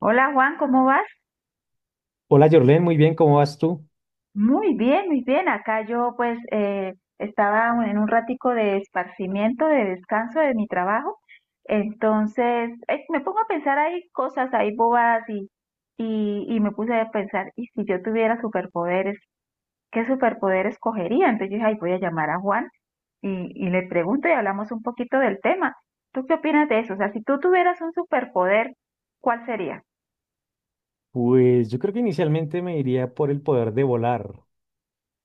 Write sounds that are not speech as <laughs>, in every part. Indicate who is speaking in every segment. Speaker 1: Hola Juan, ¿cómo vas?
Speaker 2: Hola Jorlen, muy bien, ¿cómo vas tú?
Speaker 1: Muy bien, muy bien. Acá yo pues estaba en un ratico de esparcimiento, de descanso de mi trabajo. Entonces me pongo a pensar ahí cosas, ahí bobadas y me puse a pensar, ¿y si yo tuviera superpoderes, qué superpoder escogería? Entonces yo dije, ay, voy a llamar a Juan y le pregunto y hablamos un poquito del tema. ¿Tú qué opinas de eso? O sea, si tú tuvieras un superpoder, ¿cuál sería?
Speaker 2: Pues yo creo que inicialmente me iría por el poder de volar,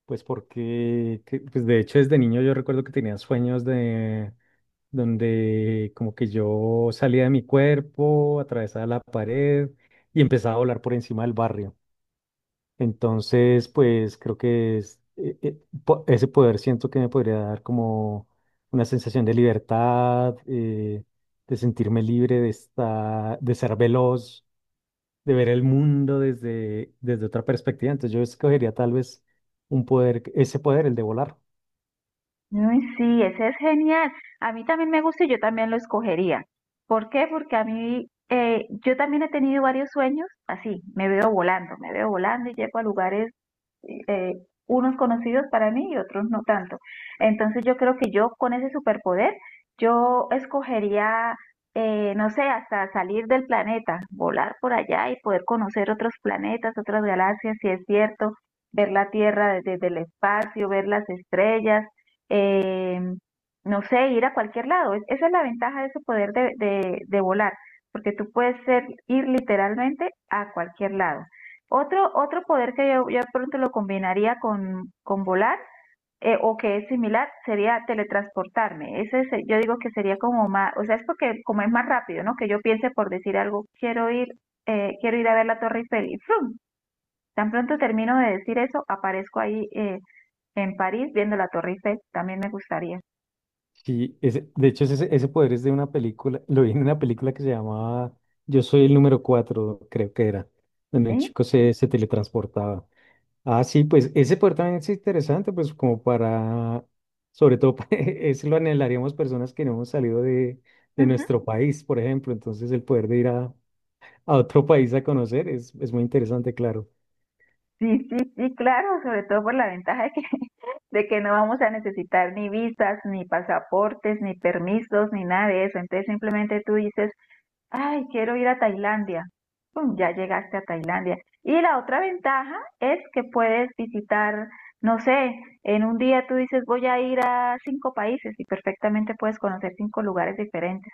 Speaker 2: pues porque, pues de hecho desde niño yo recuerdo que tenía sueños de donde como que yo salía de mi cuerpo, atravesaba la pared y empezaba a volar por encima del barrio. Entonces, pues creo que ese poder siento que me podría dar como una sensación de libertad, de sentirme libre, de estar, de ser veloz de ver el mundo desde, desde otra perspectiva. Entonces yo escogería tal vez un poder, ese poder, el de volar.
Speaker 1: Uy, sí, ese es genial. A mí también me gusta y yo también lo escogería. ¿Por qué? Porque a mí, yo también he tenido varios sueños así, me veo volando y llego a lugares eh, unos conocidos para mí y otros no tanto. Entonces yo creo que yo con ese superpoder, yo escogería, no sé, hasta salir del planeta, volar por allá y poder conocer otros planetas, otras galaxias, si es cierto, ver la Tierra desde, desde el espacio, ver las estrellas, eh, no sé, ir a cualquier lado. Esa es la ventaja de ese poder de volar, porque tú puedes ser, ir literalmente a cualquier lado. Otro, otro poder que yo ya pronto lo combinaría con volar o que es similar sería teletransportarme. Yo digo que sería como más, o sea, es porque como es más rápido, ¿no? Que yo piense por decir algo, quiero ir a ver la Torre Eiffel y ¡frum! Tan pronto termino de decir eso, aparezco ahí en París viendo la Torre Eiffel. También me gustaría.
Speaker 2: Sí, ese, de hecho ese, ese poder es de una película, lo vi en una película que se llamaba Yo soy el número 4 creo que era, donde un
Speaker 1: ¿Sí?
Speaker 2: chico se, se teletransportaba. Ah, sí, pues ese poder también es interesante, pues como para, sobre todo, <laughs> eso lo anhelaríamos personas que no hemos salido de
Speaker 1: Ujú.
Speaker 2: nuestro país, por ejemplo. Entonces el poder de ir a otro país a conocer es muy interesante, claro.
Speaker 1: Sí, sí, sí, claro, sobre todo por la ventaja de que, <laughs> de que no vamos a necesitar ni visas, ni pasaportes, ni permisos, ni nada de eso. Entonces simplemente tú dices, ay, quiero ir a Tailandia. Pum, ya llegaste a Tailandia. Y la otra ventaja es que puedes visitar, no sé, en un día tú dices, voy a ir a 5 países y perfectamente puedes conocer 5 lugares diferentes.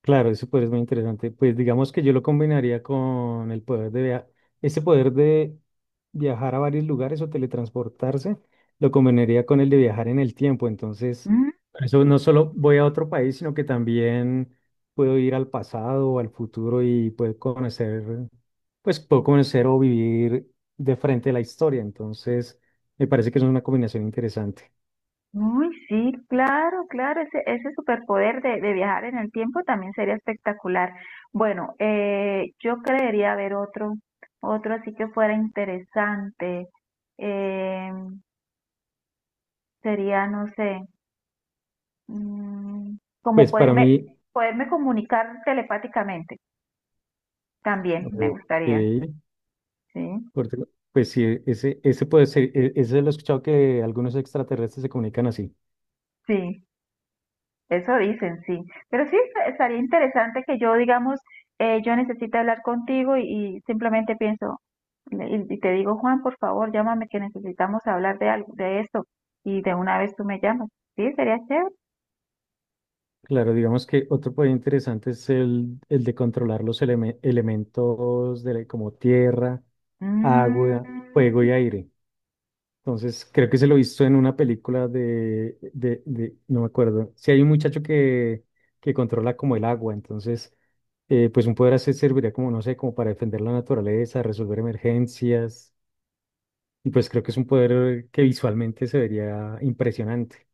Speaker 2: Claro, ese poder es muy interesante. Pues digamos que yo lo combinaría con el poder de viajar, ese poder de viajar a varios lugares o teletransportarse, lo combinaría con el de viajar en el tiempo. Entonces, por eso no solo voy a otro país, sino que también puedo ir al pasado o al futuro y puedo conocer, pues puedo conocer o vivir de frente la historia. Entonces, me parece que es una combinación interesante.
Speaker 1: Uy, sí, claro, claro, ese superpoder de viajar en el tiempo también sería espectacular. Bueno, yo creería haber otro, otro así que fuera interesante. Eh, sería, no sé, mm, como
Speaker 2: Pues para
Speaker 1: poderme,
Speaker 2: mí,
Speaker 1: poderme comunicar telepáticamente, también me gustaría,
Speaker 2: ok,
Speaker 1: ¿sí?
Speaker 2: Corte- Pues sí, ese, ese puede ser, ese lo he escuchado que algunos extraterrestres se comunican así.
Speaker 1: Sí. Eso dicen, sí. Pero sí, estaría interesante que yo, digamos, yo necesito hablar contigo y simplemente pienso y te digo, Juan, por favor, llámame que necesitamos hablar de algo, de esto. Y de una vez tú me llamas. Sí, sería chévere.
Speaker 2: Claro, digamos que otro poder interesante es el de controlar los elementos de, como tierra, agua,
Speaker 1: Mm,
Speaker 2: fuego y aire. Entonces, creo que se lo he visto en una película de, no me acuerdo. Si hay un muchacho que controla como el agua, entonces, pues un poder así serviría como, no sé, como para defender la naturaleza, resolver emergencias. Y pues creo que es un poder que visualmente se vería impresionante.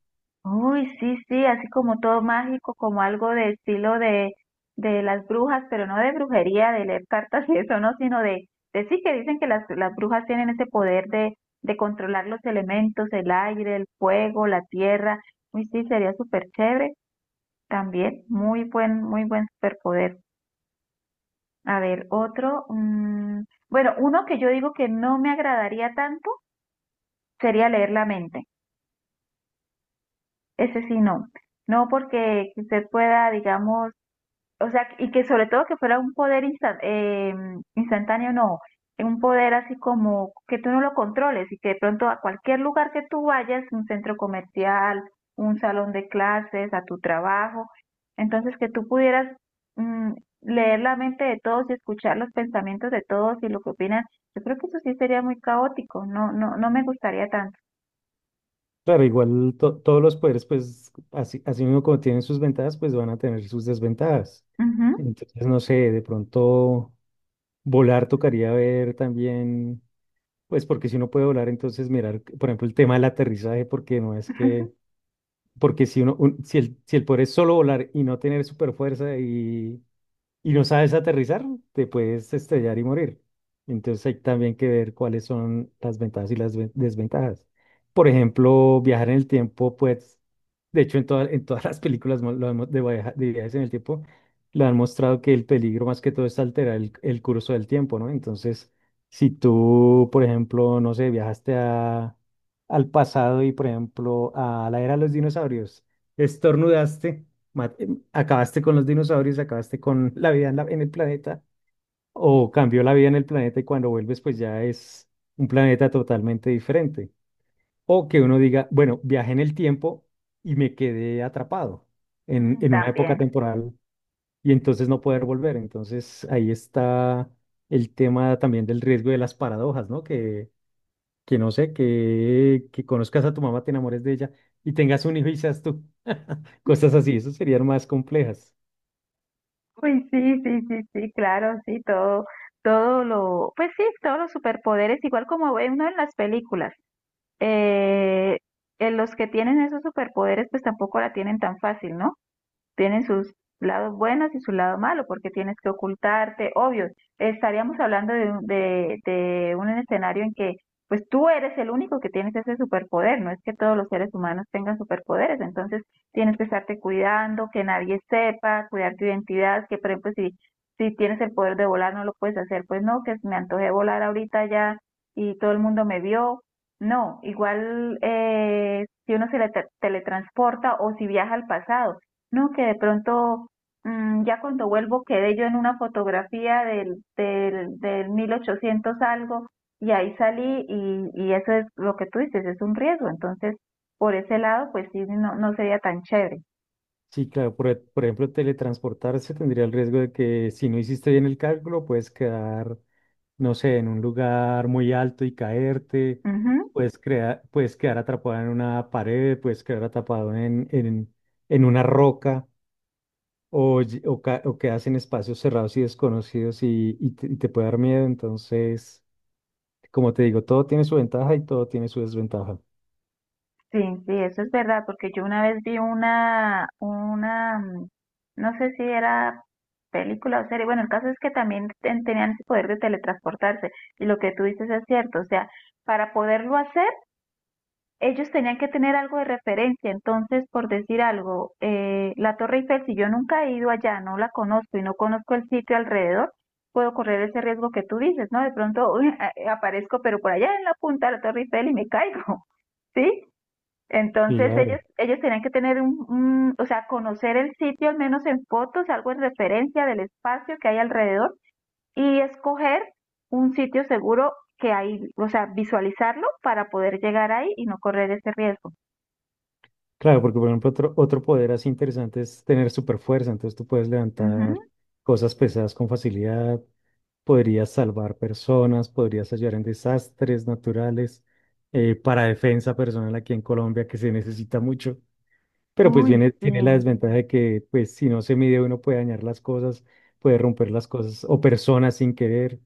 Speaker 1: Uy, sí, sí, así como todo mágico, como algo de estilo de las brujas, pero no de brujería, de leer cartas y eso, no, sino de sí que dicen que las brujas tienen ese poder de controlar los elementos, el aire, el fuego, la tierra. Uy, sí, sería súper chévere también, muy buen superpoder. A ver, otro, bueno, uno que yo digo que no me agradaría tanto sería leer la mente. Ese sí no. No porque usted pueda, digamos, o sea, y que sobre todo que fuera un poder instantáneo, no, un poder así como que tú no lo controles y que de pronto a cualquier lugar que tú vayas, un centro comercial, un salón de clases, a tu trabajo, entonces que tú pudieras mm, leer la mente de todos y escuchar los pensamientos de todos y lo que opinan, yo creo que eso sí sería muy caótico, no, no, no me gustaría tanto.
Speaker 2: Claro, igual todos los poderes, pues así, así mismo como tienen sus ventajas, pues van a tener sus desventajas.
Speaker 1: Ujú.
Speaker 2: Entonces, no sé, de pronto volar tocaría ver también, pues porque si uno puede volar, entonces mirar, por ejemplo, el tema del aterrizaje, porque no es que,
Speaker 1: <laughs>
Speaker 2: porque si uno, si el, si el poder es solo volar y no tener super fuerza y no sabes aterrizar, te puedes estrellar y morir. Entonces hay también que ver cuáles son las ventajas y las desventajas. Por ejemplo, viajar en el tiempo, pues, de hecho en, en todas las películas lo han de, de viajes en el tiempo, lo han mostrado que el peligro más que todo es alterar el curso del tiempo, ¿no? Entonces, si tú, por ejemplo, no sé, viajaste a, al pasado y, por ejemplo, a la era de los dinosaurios, estornudaste ma- acabaste con los dinosaurios, acabaste con la vida en, en el planeta, o cambió la vida en el planeta y cuando vuelves pues ya es un planeta totalmente diferente. O que uno diga, bueno, viajé en el tiempo y me quedé atrapado
Speaker 1: Mm,
Speaker 2: en una época
Speaker 1: también.
Speaker 2: temporal y entonces no poder volver. Entonces ahí está el tema también del riesgo de las paradojas, ¿no? Que no sé, que conozcas a tu mamá, te enamores de ella y tengas un hijo y seas tú. <laughs> Cosas así, eso serían más complejas.
Speaker 1: Uy, sí, sí, sí, sí, claro, sí, todo, todo lo, pues sí, todos los superpoderes, igual como ve uno en las películas, eh, en los que tienen esos superpoderes, pues tampoco la tienen tan fácil, ¿no? Tienen sus lados buenos y su lado malo, porque tienes que ocultarte, obvio, estaríamos hablando de, de un escenario en que pues tú eres el único que tienes ese superpoder, no es que todos los seres humanos tengan superpoderes, entonces tienes que estarte cuidando, que nadie sepa, cuidar tu identidad, que por ejemplo si, si tienes el poder de volar no lo puedes hacer, pues no, que me antojé volar ahorita ya y todo el mundo me vio, no, igual si uno se le teletransporta o si viaja al pasado, no, que de pronto, ya cuando vuelvo, quedé yo en una fotografía del 1800 algo y ahí salí y eso es lo que tú dices, es un riesgo. Entonces, por ese lado, pues sí, no, no sería tan chévere.
Speaker 2: Sí, claro, por, por ejemplo, teletransportarse tendría el riesgo de que si no hiciste bien el cálculo, puedes quedar, no sé, en un lugar muy alto y caerte,
Speaker 1: Ujú.
Speaker 2: puedes, puedes quedar atrapado en una pared, puedes quedar atrapado en una roca o, o quedas en espacios cerrados y desconocidos y te puede dar miedo. Entonces, como te digo, todo tiene su ventaja y todo tiene su desventaja.
Speaker 1: Sí, sí, eso es verdad, porque yo una vez vi una, no sé si era película o serie, bueno, el caso es que también tenían ese poder de teletransportarse y lo que tú dices es cierto, o sea, para poderlo hacer, ellos tenían que tener algo de referencia, entonces, por decir algo, la Torre Eiffel, si yo nunca he ido allá, no la conozco y no conozco el sitio alrededor, puedo correr ese riesgo que tú dices, ¿no? De pronto <laughs> uy, aparezco, pero por allá en la punta de la Torre Eiffel y me caigo, <laughs> ¿sí? Entonces ellos,
Speaker 2: Claro.
Speaker 1: ellos tenían que tener un, o sea, conocer el sitio al menos en fotos, algo en referencia del espacio que hay alrededor y escoger un sitio seguro que ahí, o sea, visualizarlo para poder llegar ahí y no correr ese riesgo.
Speaker 2: Claro, porque por ejemplo otro, otro poder así interesante es tener super fuerza, entonces tú puedes
Speaker 1: Ujú.
Speaker 2: levantar cosas pesadas con facilidad, podrías salvar personas, podrías ayudar en desastres naturales, para defensa personal aquí en Colombia que se necesita mucho, pero pues
Speaker 1: Uy,
Speaker 2: viene, tiene la
Speaker 1: sí.
Speaker 2: desventaja de que pues si no se mide uno puede dañar las cosas, puede romper las cosas o personas sin querer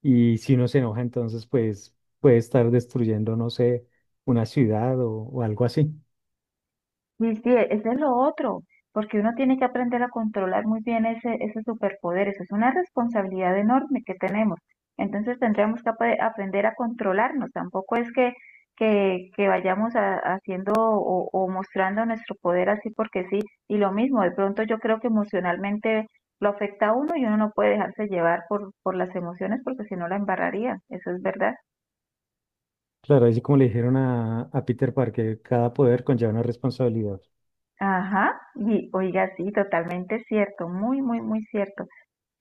Speaker 2: y si uno se enoja entonces pues puede estar destruyendo, no sé, una ciudad o algo así.
Speaker 1: Sí, sí, ese es lo otro, porque uno tiene que aprender a controlar muy bien ese, ese superpoder, eso es una responsabilidad enorme que tenemos. Entonces tendríamos que aprender a controlarnos, tampoco es que vayamos haciendo o mostrando nuestro poder así porque sí, y lo mismo, de pronto yo creo que emocionalmente lo afecta a uno y uno no puede dejarse llevar por las emociones porque si no la embarraría, eso es verdad.
Speaker 2: Claro, así como le dijeron a Peter Parker, cada poder conlleva una responsabilidad.
Speaker 1: Ajá, y oiga, sí, totalmente cierto, muy, muy, muy cierto.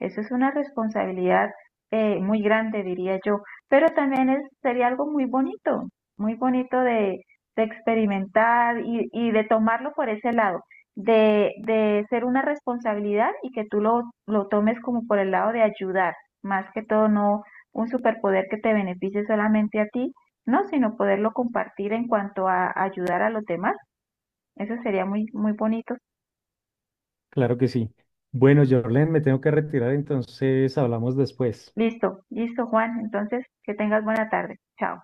Speaker 1: Eso es una responsabilidad muy grande, diría yo, pero también es, sería algo muy bonito de experimentar y de tomarlo por ese lado, de ser una responsabilidad y que tú lo tomes como por el lado de ayudar, más que todo no un superpoder que te beneficie solamente a ti, no, sino poderlo compartir en cuanto a ayudar a los demás. Eso sería muy, muy bonito.
Speaker 2: Claro que sí. Bueno, Jorlen, me tengo que retirar, entonces hablamos después.
Speaker 1: Listo, listo, Juan. Entonces, que tengas buena tarde. Chao.